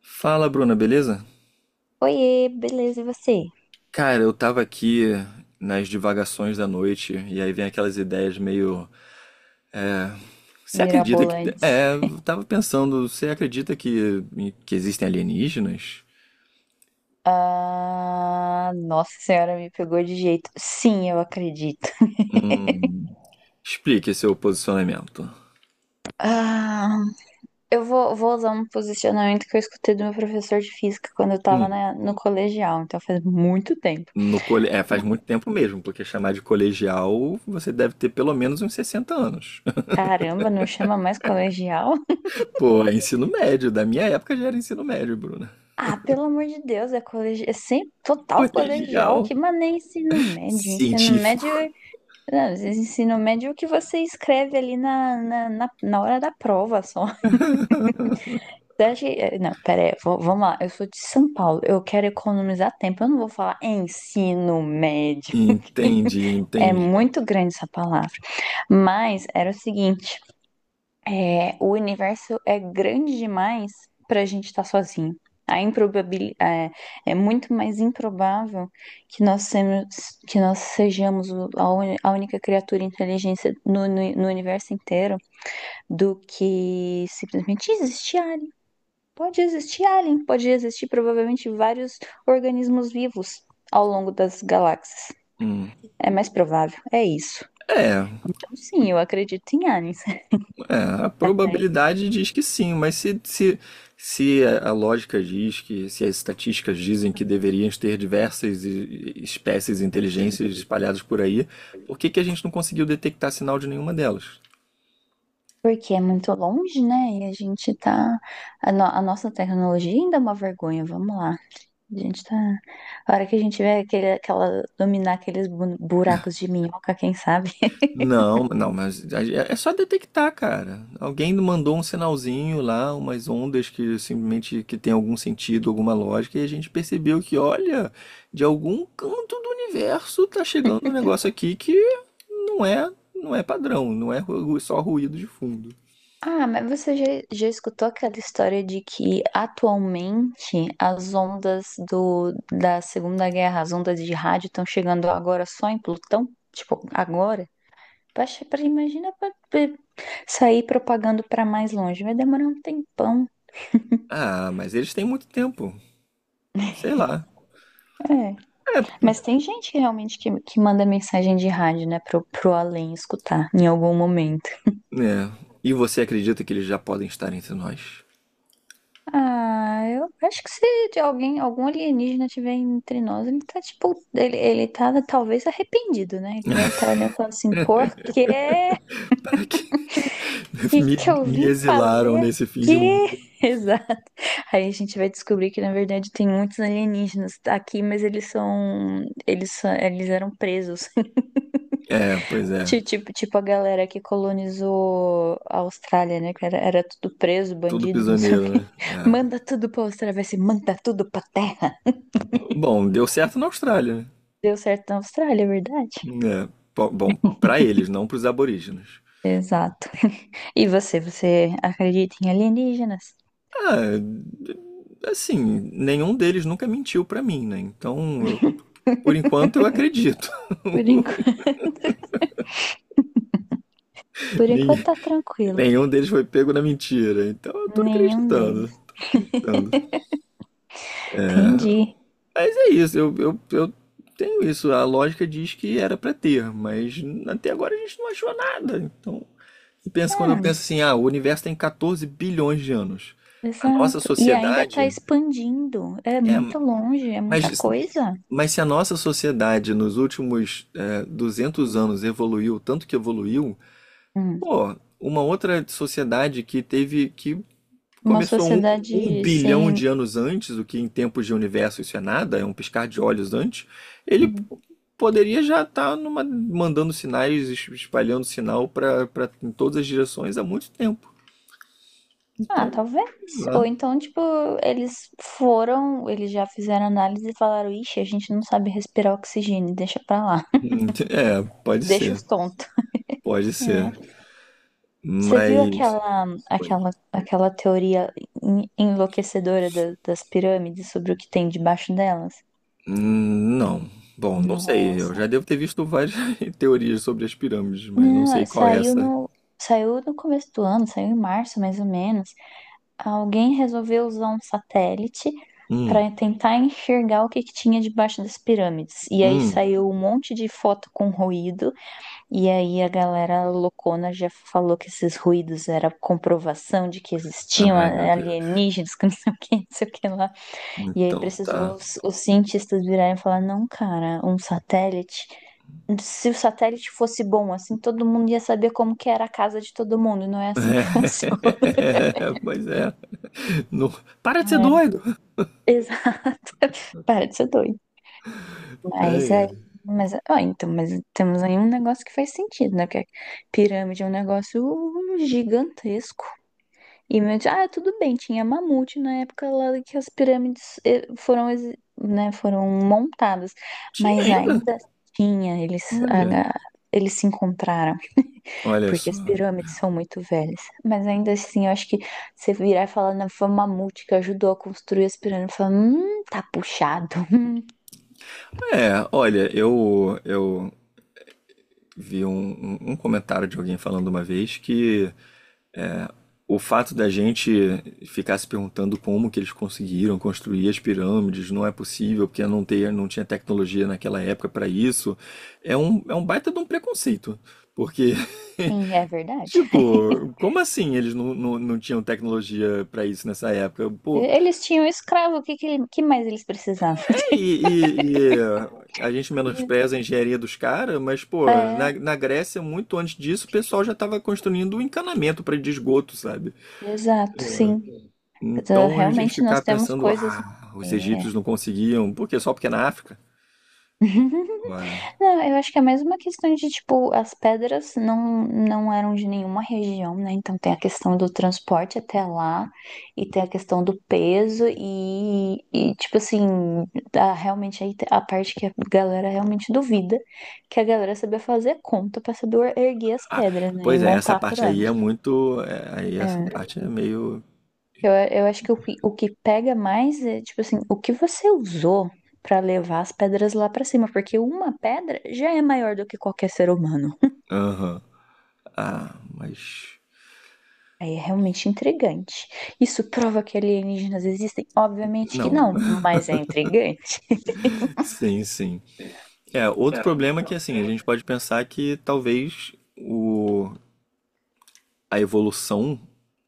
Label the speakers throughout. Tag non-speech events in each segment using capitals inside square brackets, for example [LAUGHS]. Speaker 1: Fala, Bruna, beleza?
Speaker 2: Oiê, beleza, e você?
Speaker 1: Cara, eu tava aqui nas divagações da noite e aí vem aquelas ideias meio. Você acredita que.
Speaker 2: Mirabolantes.
Speaker 1: É, eu tava pensando, você acredita que existem alienígenas?
Speaker 2: Ah, nossa senhora, me pegou de jeito. Sim, eu acredito.
Speaker 1: Hum. Explique seu posicionamento.
Speaker 2: Ah, eu vou usar um posicionamento que eu escutei do meu professor de física quando eu tava
Speaker 1: Hum.
Speaker 2: no colegial, então faz muito tempo.
Speaker 1: No cole... É, faz muito tempo mesmo, porque chamar de colegial você deve ter pelo menos uns 60 anos. [LAUGHS]
Speaker 2: Caramba, não chama mais colegial?
Speaker 1: Pô, é ensino médio, da minha época já era ensino médio, Bruna.
Speaker 2: Ah, pelo amor de Deus, é colegial, é sempre
Speaker 1: [LAUGHS]
Speaker 2: total colegial
Speaker 1: Colegial
Speaker 2: aqui, mas nem ensino médio.
Speaker 1: científico.
Speaker 2: Não, ensino médio é o que você escreve ali na hora da prova só. Daqui, não, pera aí, vamos lá. Eu sou de São Paulo, eu quero economizar tempo. Eu não vou falar ensino médio.
Speaker 1: Entende,
Speaker 2: É
Speaker 1: entende.
Speaker 2: muito grande essa palavra. Mas era o seguinte, o universo é grande demais para a gente estar sozinho. A improbabil, é, É muito mais improvável que nós, semos, que nós sejamos a única criatura inteligente no universo inteiro do que simplesmente existir. Pode existir alien, pode existir provavelmente vários organismos vivos ao longo das galáxias. É mais provável, é isso.
Speaker 1: É,
Speaker 2: Então, sim, eu acredito em aliens.
Speaker 1: é, a
Speaker 2: [LAUGHS]
Speaker 1: probabilidade diz que sim, mas se a lógica diz que, se as estatísticas dizem que deveríamos ter diversas espécies e inteligências espalhadas por aí, por que que a gente não conseguiu detectar sinal de nenhuma delas?
Speaker 2: Porque é muito longe, né? E a gente tá. A, no- A nossa tecnologia ainda é uma vergonha, vamos lá. A gente tá. A hora que a gente vê aquela dominar aqueles buracos de minhoca, quem sabe?
Speaker 1: Não, não, mas é só detectar, cara. Alguém mandou um sinalzinho lá, umas ondas que simplesmente que tem algum sentido, alguma lógica, e a gente percebeu que, olha, de algum canto do universo tá chegando um negócio aqui que não é, não é padrão, não é ru- só ruído de fundo.
Speaker 2: Ah, já escutou aquela história de que atualmente as ondas da Segunda Guerra, as ondas de rádio estão chegando agora só em Plutão? Tipo, agora? Imagina pra sair propagando pra mais longe, vai demorar um tempão.
Speaker 1: Ah, mas eles têm muito tempo. Sei lá.
Speaker 2: É.
Speaker 1: É,
Speaker 2: Mas tem gente que realmente que manda mensagem de rádio, né, pro além escutar em algum momento.
Speaker 1: né? E você acredita que eles já podem estar entre nós?
Speaker 2: Ah, eu acho que se de alguém, algum alienígena tiver entre nós, ele tá tipo, ele tá talvez arrependido, né? Ele deve estar olhando e falando assim, por que
Speaker 1: Para que [LAUGHS] me,
Speaker 2: que eu
Speaker 1: me
Speaker 2: vim
Speaker 1: exilaram
Speaker 2: fazer
Speaker 1: nesse fim de
Speaker 2: aqui?
Speaker 1: mundo?
Speaker 2: [LAUGHS] Exato. Aí a gente vai descobrir que na verdade tem muitos alienígenas aqui, mas eles eram presos. [LAUGHS]
Speaker 1: É, pois é.
Speaker 2: Tipo, tipo a galera que colonizou a Austrália, né? Era tudo preso,
Speaker 1: Tudo
Speaker 2: bandido, não sei o
Speaker 1: prisioneiro,
Speaker 2: quê.
Speaker 1: né?
Speaker 2: [LAUGHS]
Speaker 1: É.
Speaker 2: Manda tudo pra Austrália, vai ser manda tudo pra terra.
Speaker 1: Bom, deu certo na Austrália,
Speaker 2: Deu certo na Austrália, é verdade?
Speaker 1: né? É. Bom, pra eles, não pros aborígenes.
Speaker 2: Exato. [LAUGHS] Você acredita em alienígenas?
Speaker 1: Ah, assim, nenhum deles nunca mentiu pra mim, né? Por enquanto eu acredito.
Speaker 2: Por enquanto.
Speaker 1: [LAUGHS]
Speaker 2: Por enquanto
Speaker 1: Ninguém-
Speaker 2: tá tranquilo.
Speaker 1: Nenhum deles foi pego na mentira, então eu tô
Speaker 2: Nenhum
Speaker 1: acreditando,
Speaker 2: deles.
Speaker 1: tô acreditando.
Speaker 2: Entendi.
Speaker 1: Mas é isso, eu tenho isso. A lógica diz que era pra ter, mas até agora a gente não achou nada, então. E pensa, quando eu penso
Speaker 2: Ah,
Speaker 1: assim, ah, o universo tem 14 bilhões de anos. A nossa
Speaker 2: exato. E ainda tá
Speaker 1: sociedade
Speaker 2: expandindo. É
Speaker 1: é,
Speaker 2: muito longe, é muita
Speaker 1: mas
Speaker 2: coisa.
Speaker 1: mas se a nossa sociedade nos últimos, 200 anos evoluiu tanto que evoluiu,
Speaker 2: Hum.
Speaker 1: pô, uma outra sociedade que teve que
Speaker 2: Uma
Speaker 1: começou um, um
Speaker 2: sociedade
Speaker 1: bilhão de
Speaker 2: sem.
Speaker 1: anos antes, o que em tempos de universo isso é nada, é um piscar de olhos antes, ele
Speaker 2: Hum.
Speaker 1: poderia já estar numa, mandando sinais, espalhando sinal para em todas as direções há muito tempo.
Speaker 2: Ah,
Speaker 1: Então,
Speaker 2: talvez.
Speaker 1: sei
Speaker 2: Ou
Speaker 1: lá.
Speaker 2: então, tipo, eles já fizeram análise e falaram: Ixi, a gente não sabe respirar oxigênio, deixa pra lá. [LAUGHS]
Speaker 1: É, pode
Speaker 2: Deixa
Speaker 1: ser,
Speaker 2: os tontos.
Speaker 1: pode ser.
Speaker 2: É. Você viu
Speaker 1: Mas. Oi.
Speaker 2: aquela teoria enlouquecedora das pirâmides sobre o que tem debaixo delas?
Speaker 1: Não. Bom, não sei. Eu
Speaker 2: Nossa.
Speaker 1: já devo ter visto várias [LAUGHS] teorias sobre as pirâmides, mas não sei
Speaker 2: Não,
Speaker 1: qual é
Speaker 2: saiu
Speaker 1: essa.
Speaker 2: no, saiu no começo do ano, saiu em março mais ou menos. Alguém resolveu usar um satélite
Speaker 1: Hum,
Speaker 2: para tentar enxergar o que que tinha debaixo das pirâmides. E aí
Speaker 1: hum.
Speaker 2: saiu um monte de foto com ruído. E aí a galera loucona já falou que esses ruídos era comprovação de que existiam
Speaker 1: Ai, meu Deus.
Speaker 2: alienígenas, [LAUGHS] que não sei o que, não sei o que lá. E aí
Speaker 1: Então
Speaker 2: precisou
Speaker 1: tá.
Speaker 2: os cientistas virarem e falar, não, cara, um satélite. Se o satélite fosse bom, assim, todo mundo ia saber como que era a casa de todo mundo. Não é assim que [LAUGHS] funciona.
Speaker 1: [LAUGHS] É, pois é. Não... Para de ser
Speaker 2: É,
Speaker 1: doido!
Speaker 2: exato. [LAUGHS] Para de ser doido. Mas
Speaker 1: Ai,
Speaker 2: aí.
Speaker 1: ai.
Speaker 2: Mas, ó, então, mas temos aí um negócio que faz sentido, né? Porque a pirâmide é um negócio gigantesco. E meu, tio, ah, tudo bem, tinha mamute na época lá que as pirâmides né, foram montadas,
Speaker 1: Tinha
Speaker 2: mas
Speaker 1: ainda?
Speaker 2: ainda tinha, eles, a-
Speaker 1: Olha.
Speaker 2: a- eles se encontraram,
Speaker 1: Olha
Speaker 2: porque as
Speaker 1: só.
Speaker 2: pirâmides são muito velhas. Mas ainda assim, eu acho que você virar e falar, não, foi o mamute que ajudou a construir as pirâmides, fala, tá puxado. [LAUGHS]
Speaker 1: É, olha, eu vi um, um comentário de alguém falando uma vez que, o fato da gente ficar se perguntando como que eles conseguiram construir as pirâmides, não é possível, porque não, ter, não tinha tecnologia naquela época para isso, é um baita de um preconceito. Porque,
Speaker 2: Sim, é
Speaker 1: [LAUGHS]
Speaker 2: verdade.
Speaker 1: tipo, como assim eles não tinham tecnologia para isso nessa época? Pô,
Speaker 2: Eles tinham escravo, o que, que, ele- que mais eles precisavam?
Speaker 1: e, é, a gente menospreza a
Speaker 2: [LAUGHS]
Speaker 1: engenharia dos caras, mas, pô, na,
Speaker 2: É,
Speaker 1: na Grécia, muito antes disso, o pessoal já estava construindo um encanamento para de esgoto, sabe?
Speaker 2: exato, sim. Então,
Speaker 1: Então a gente
Speaker 2: realmente nós
Speaker 1: ficava
Speaker 2: temos
Speaker 1: pensando,
Speaker 2: coisas.
Speaker 1: ah, os
Speaker 2: Eh.
Speaker 1: egípcios não conseguiam, por quê? Só porque é na África?
Speaker 2: [LAUGHS]
Speaker 1: Ora,
Speaker 2: Não, eu acho que é mais uma questão de, tipo, as pedras não eram de nenhuma região, né? Então tem a questão do transporte até lá, e tem a questão do peso, e tipo assim, a, realmente aí a parte que a galera realmente duvida, que a galera sabia fazer conta pra saber erguer as
Speaker 1: ah,
Speaker 2: pedras, né? E
Speaker 1: pois é, essa
Speaker 2: montar a
Speaker 1: parte aí é
Speaker 2: pirâmide.
Speaker 1: muito, é, aí essa
Speaker 2: É.
Speaker 1: parte é meio,
Speaker 2: Eu acho que o que pega mais é, tipo assim, o que você usou pra levar as pedras lá pra cima, porque uma pedra já é maior do que qualquer ser humano.
Speaker 1: aham, ah, mas
Speaker 2: Aí é realmente intrigante. Isso prova que alienígenas existem? Obviamente que
Speaker 1: não,
Speaker 2: não,
Speaker 1: [LAUGHS]
Speaker 2: mas é intrigante.
Speaker 1: sim, sim. É, outro problema é que assim, a gente pode pensar que talvez o, a evolução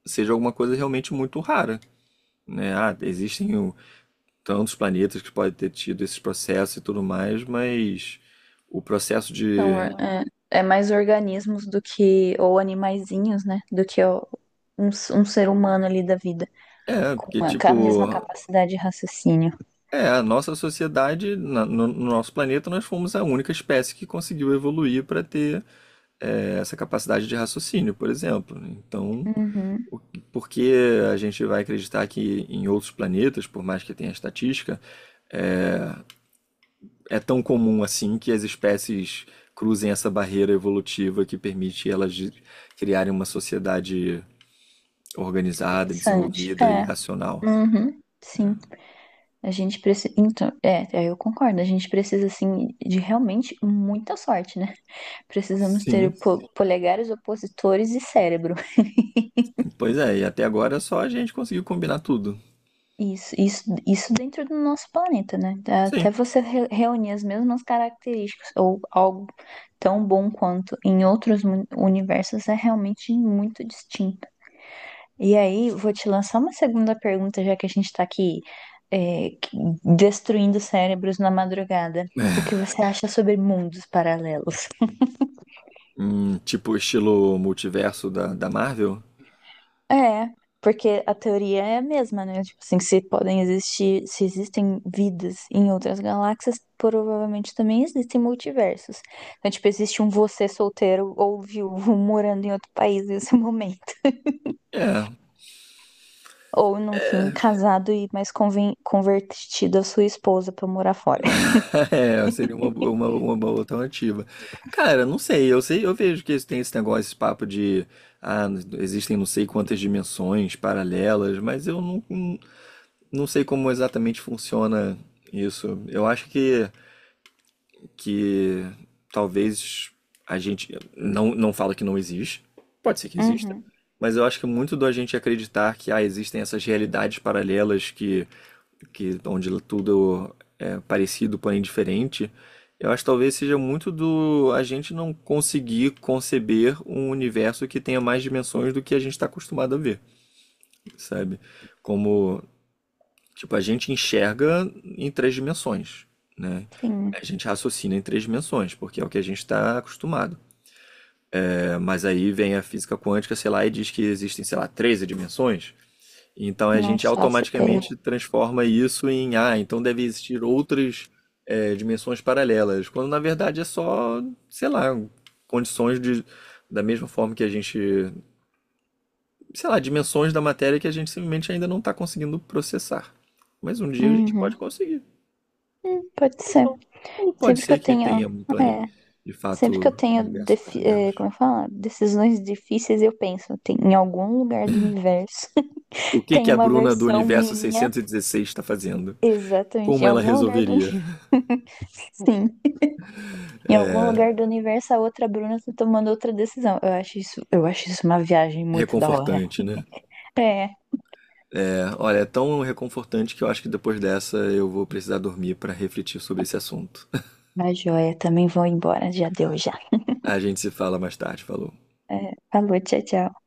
Speaker 1: seja alguma coisa realmente muito rara, né? Ah, existem tantos planetas que podem ter tido esses processos e tudo mais, mas o processo
Speaker 2: São,
Speaker 1: de.
Speaker 2: or- é, é mais organismos do que, ou animaizinhos, né, do que ó, um, um ser humano ali da vida,
Speaker 1: É, porque,
Speaker 2: com a mesma
Speaker 1: tipo,
Speaker 2: capacidade de raciocínio.
Speaker 1: é, a nossa sociedade, no nosso planeta, nós fomos a única espécie que conseguiu evoluir para ter, essa capacidade de raciocínio, por exemplo. Então,
Speaker 2: Uhum,
Speaker 1: o- por que a gente vai acreditar que em outros planetas, por mais que tenha estatística, é tão comum assim que as espécies cruzem essa barreira evolutiva que permite elas criarem uma sociedade organizada,
Speaker 2: interessante.
Speaker 1: desenvolvida e
Speaker 2: É,
Speaker 1: racional?
Speaker 2: uhum,
Speaker 1: É.
Speaker 2: sim. A gente precisa. Então, eu concordo. A gente precisa, assim, de realmente muita sorte, né? [LAUGHS] Precisamos ter
Speaker 1: Sim.
Speaker 2: polegares opositores e cérebro.
Speaker 1: Pois é, e até agora é só a gente conseguiu combinar tudo.
Speaker 2: Isso dentro do nosso planeta, né? Até
Speaker 1: Sim.
Speaker 2: você reunir as mesmas características ou algo tão bom quanto em outros universos é realmente muito distinto. E aí, vou te lançar uma segunda pergunta, já que a gente tá aqui é, que- destruindo cérebros na madrugada. O
Speaker 1: É.
Speaker 2: que você acha sobre mundos paralelos?
Speaker 1: Tipo estilo multiverso da Marvel?
Speaker 2: É, porque a teoria é a mesma, né? Tipo assim, se podem existir, se existem vidas em outras galáxias, provavelmente também existem multiversos. Então, tipo, existe um você solteiro ou viúvo [LAUGHS] morando em outro país nesse [LAUGHS] momento.
Speaker 1: É.
Speaker 2: Ou, no fim, casado e mais convertido a sua esposa pra morar fora.
Speaker 1: [LAUGHS] É, seria uma boa alternativa. Cara, não sei, eu sei, eu vejo que tem esse negócio, esse papo de ah, existem não sei quantas dimensões paralelas, mas eu não, não sei como exatamente funciona isso. Eu acho que talvez a gente não, não fala que não existe, que exista.
Speaker 2: Uhum,
Speaker 1: Mas eu acho que é muito do a gente acreditar que ah, existem essas realidades paralelas que onde tudo é parecido, porém diferente, eu acho que talvez seja muito do a gente não conseguir conceber um universo que tenha mais dimensões do que a gente está acostumado a ver, sabe? Como, tipo, a gente enxerga em três dimensões, né?
Speaker 2: sim,
Speaker 1: A gente raciocina em três dimensões, porque é o que a gente está acostumado. É, mas aí vem a física quântica, sei lá, e diz que existem, sei lá, 13 dimensões. Então a
Speaker 2: não
Speaker 1: gente
Speaker 2: faço ideia.
Speaker 1: automaticamente transforma isso em, ah, então deve existir outras, dimensões paralelas, quando na verdade é só, sei lá, condições de, da mesma forma que a gente, sei lá, dimensões da matéria que a gente simplesmente ainda não está conseguindo processar. Mas um dia a gente pode
Speaker 2: Uhum,
Speaker 1: conseguir,
Speaker 2: pode
Speaker 1: ou
Speaker 2: ser.
Speaker 1: não. Ou pode
Speaker 2: Sempre que
Speaker 1: ser
Speaker 2: eu
Speaker 1: que
Speaker 2: tenho,
Speaker 1: tenha um
Speaker 2: é,
Speaker 1: de fato
Speaker 2: sempre que eu
Speaker 1: um
Speaker 2: tenho,
Speaker 1: universo
Speaker 2: como
Speaker 1: paralelos.
Speaker 2: eu falo, decisões difíceis, eu penso, tem, em algum lugar do universo
Speaker 1: O
Speaker 2: [LAUGHS]
Speaker 1: que
Speaker 2: tem
Speaker 1: que a
Speaker 2: uma
Speaker 1: Bruna do
Speaker 2: versão
Speaker 1: universo
Speaker 2: minha,
Speaker 1: 616 está fazendo?
Speaker 2: exatamente,
Speaker 1: Como
Speaker 2: em
Speaker 1: ela
Speaker 2: algum lugar do
Speaker 1: resolveria?
Speaker 2: universo. [LAUGHS] Em algum lugar do universo, a outra Bruna tá tomando outra decisão. Eu acho isso uma viagem muito da hora.
Speaker 1: Reconfortante, né?
Speaker 2: É,
Speaker 1: Olha, é tão reconfortante que eu acho que depois dessa eu vou precisar dormir para refletir sobre esse assunto. [LAUGHS]
Speaker 2: mas joia, também vou embora, já deu já.
Speaker 1: A gente se fala mais tarde, falou.
Speaker 2: É, falou, tchau, tchau.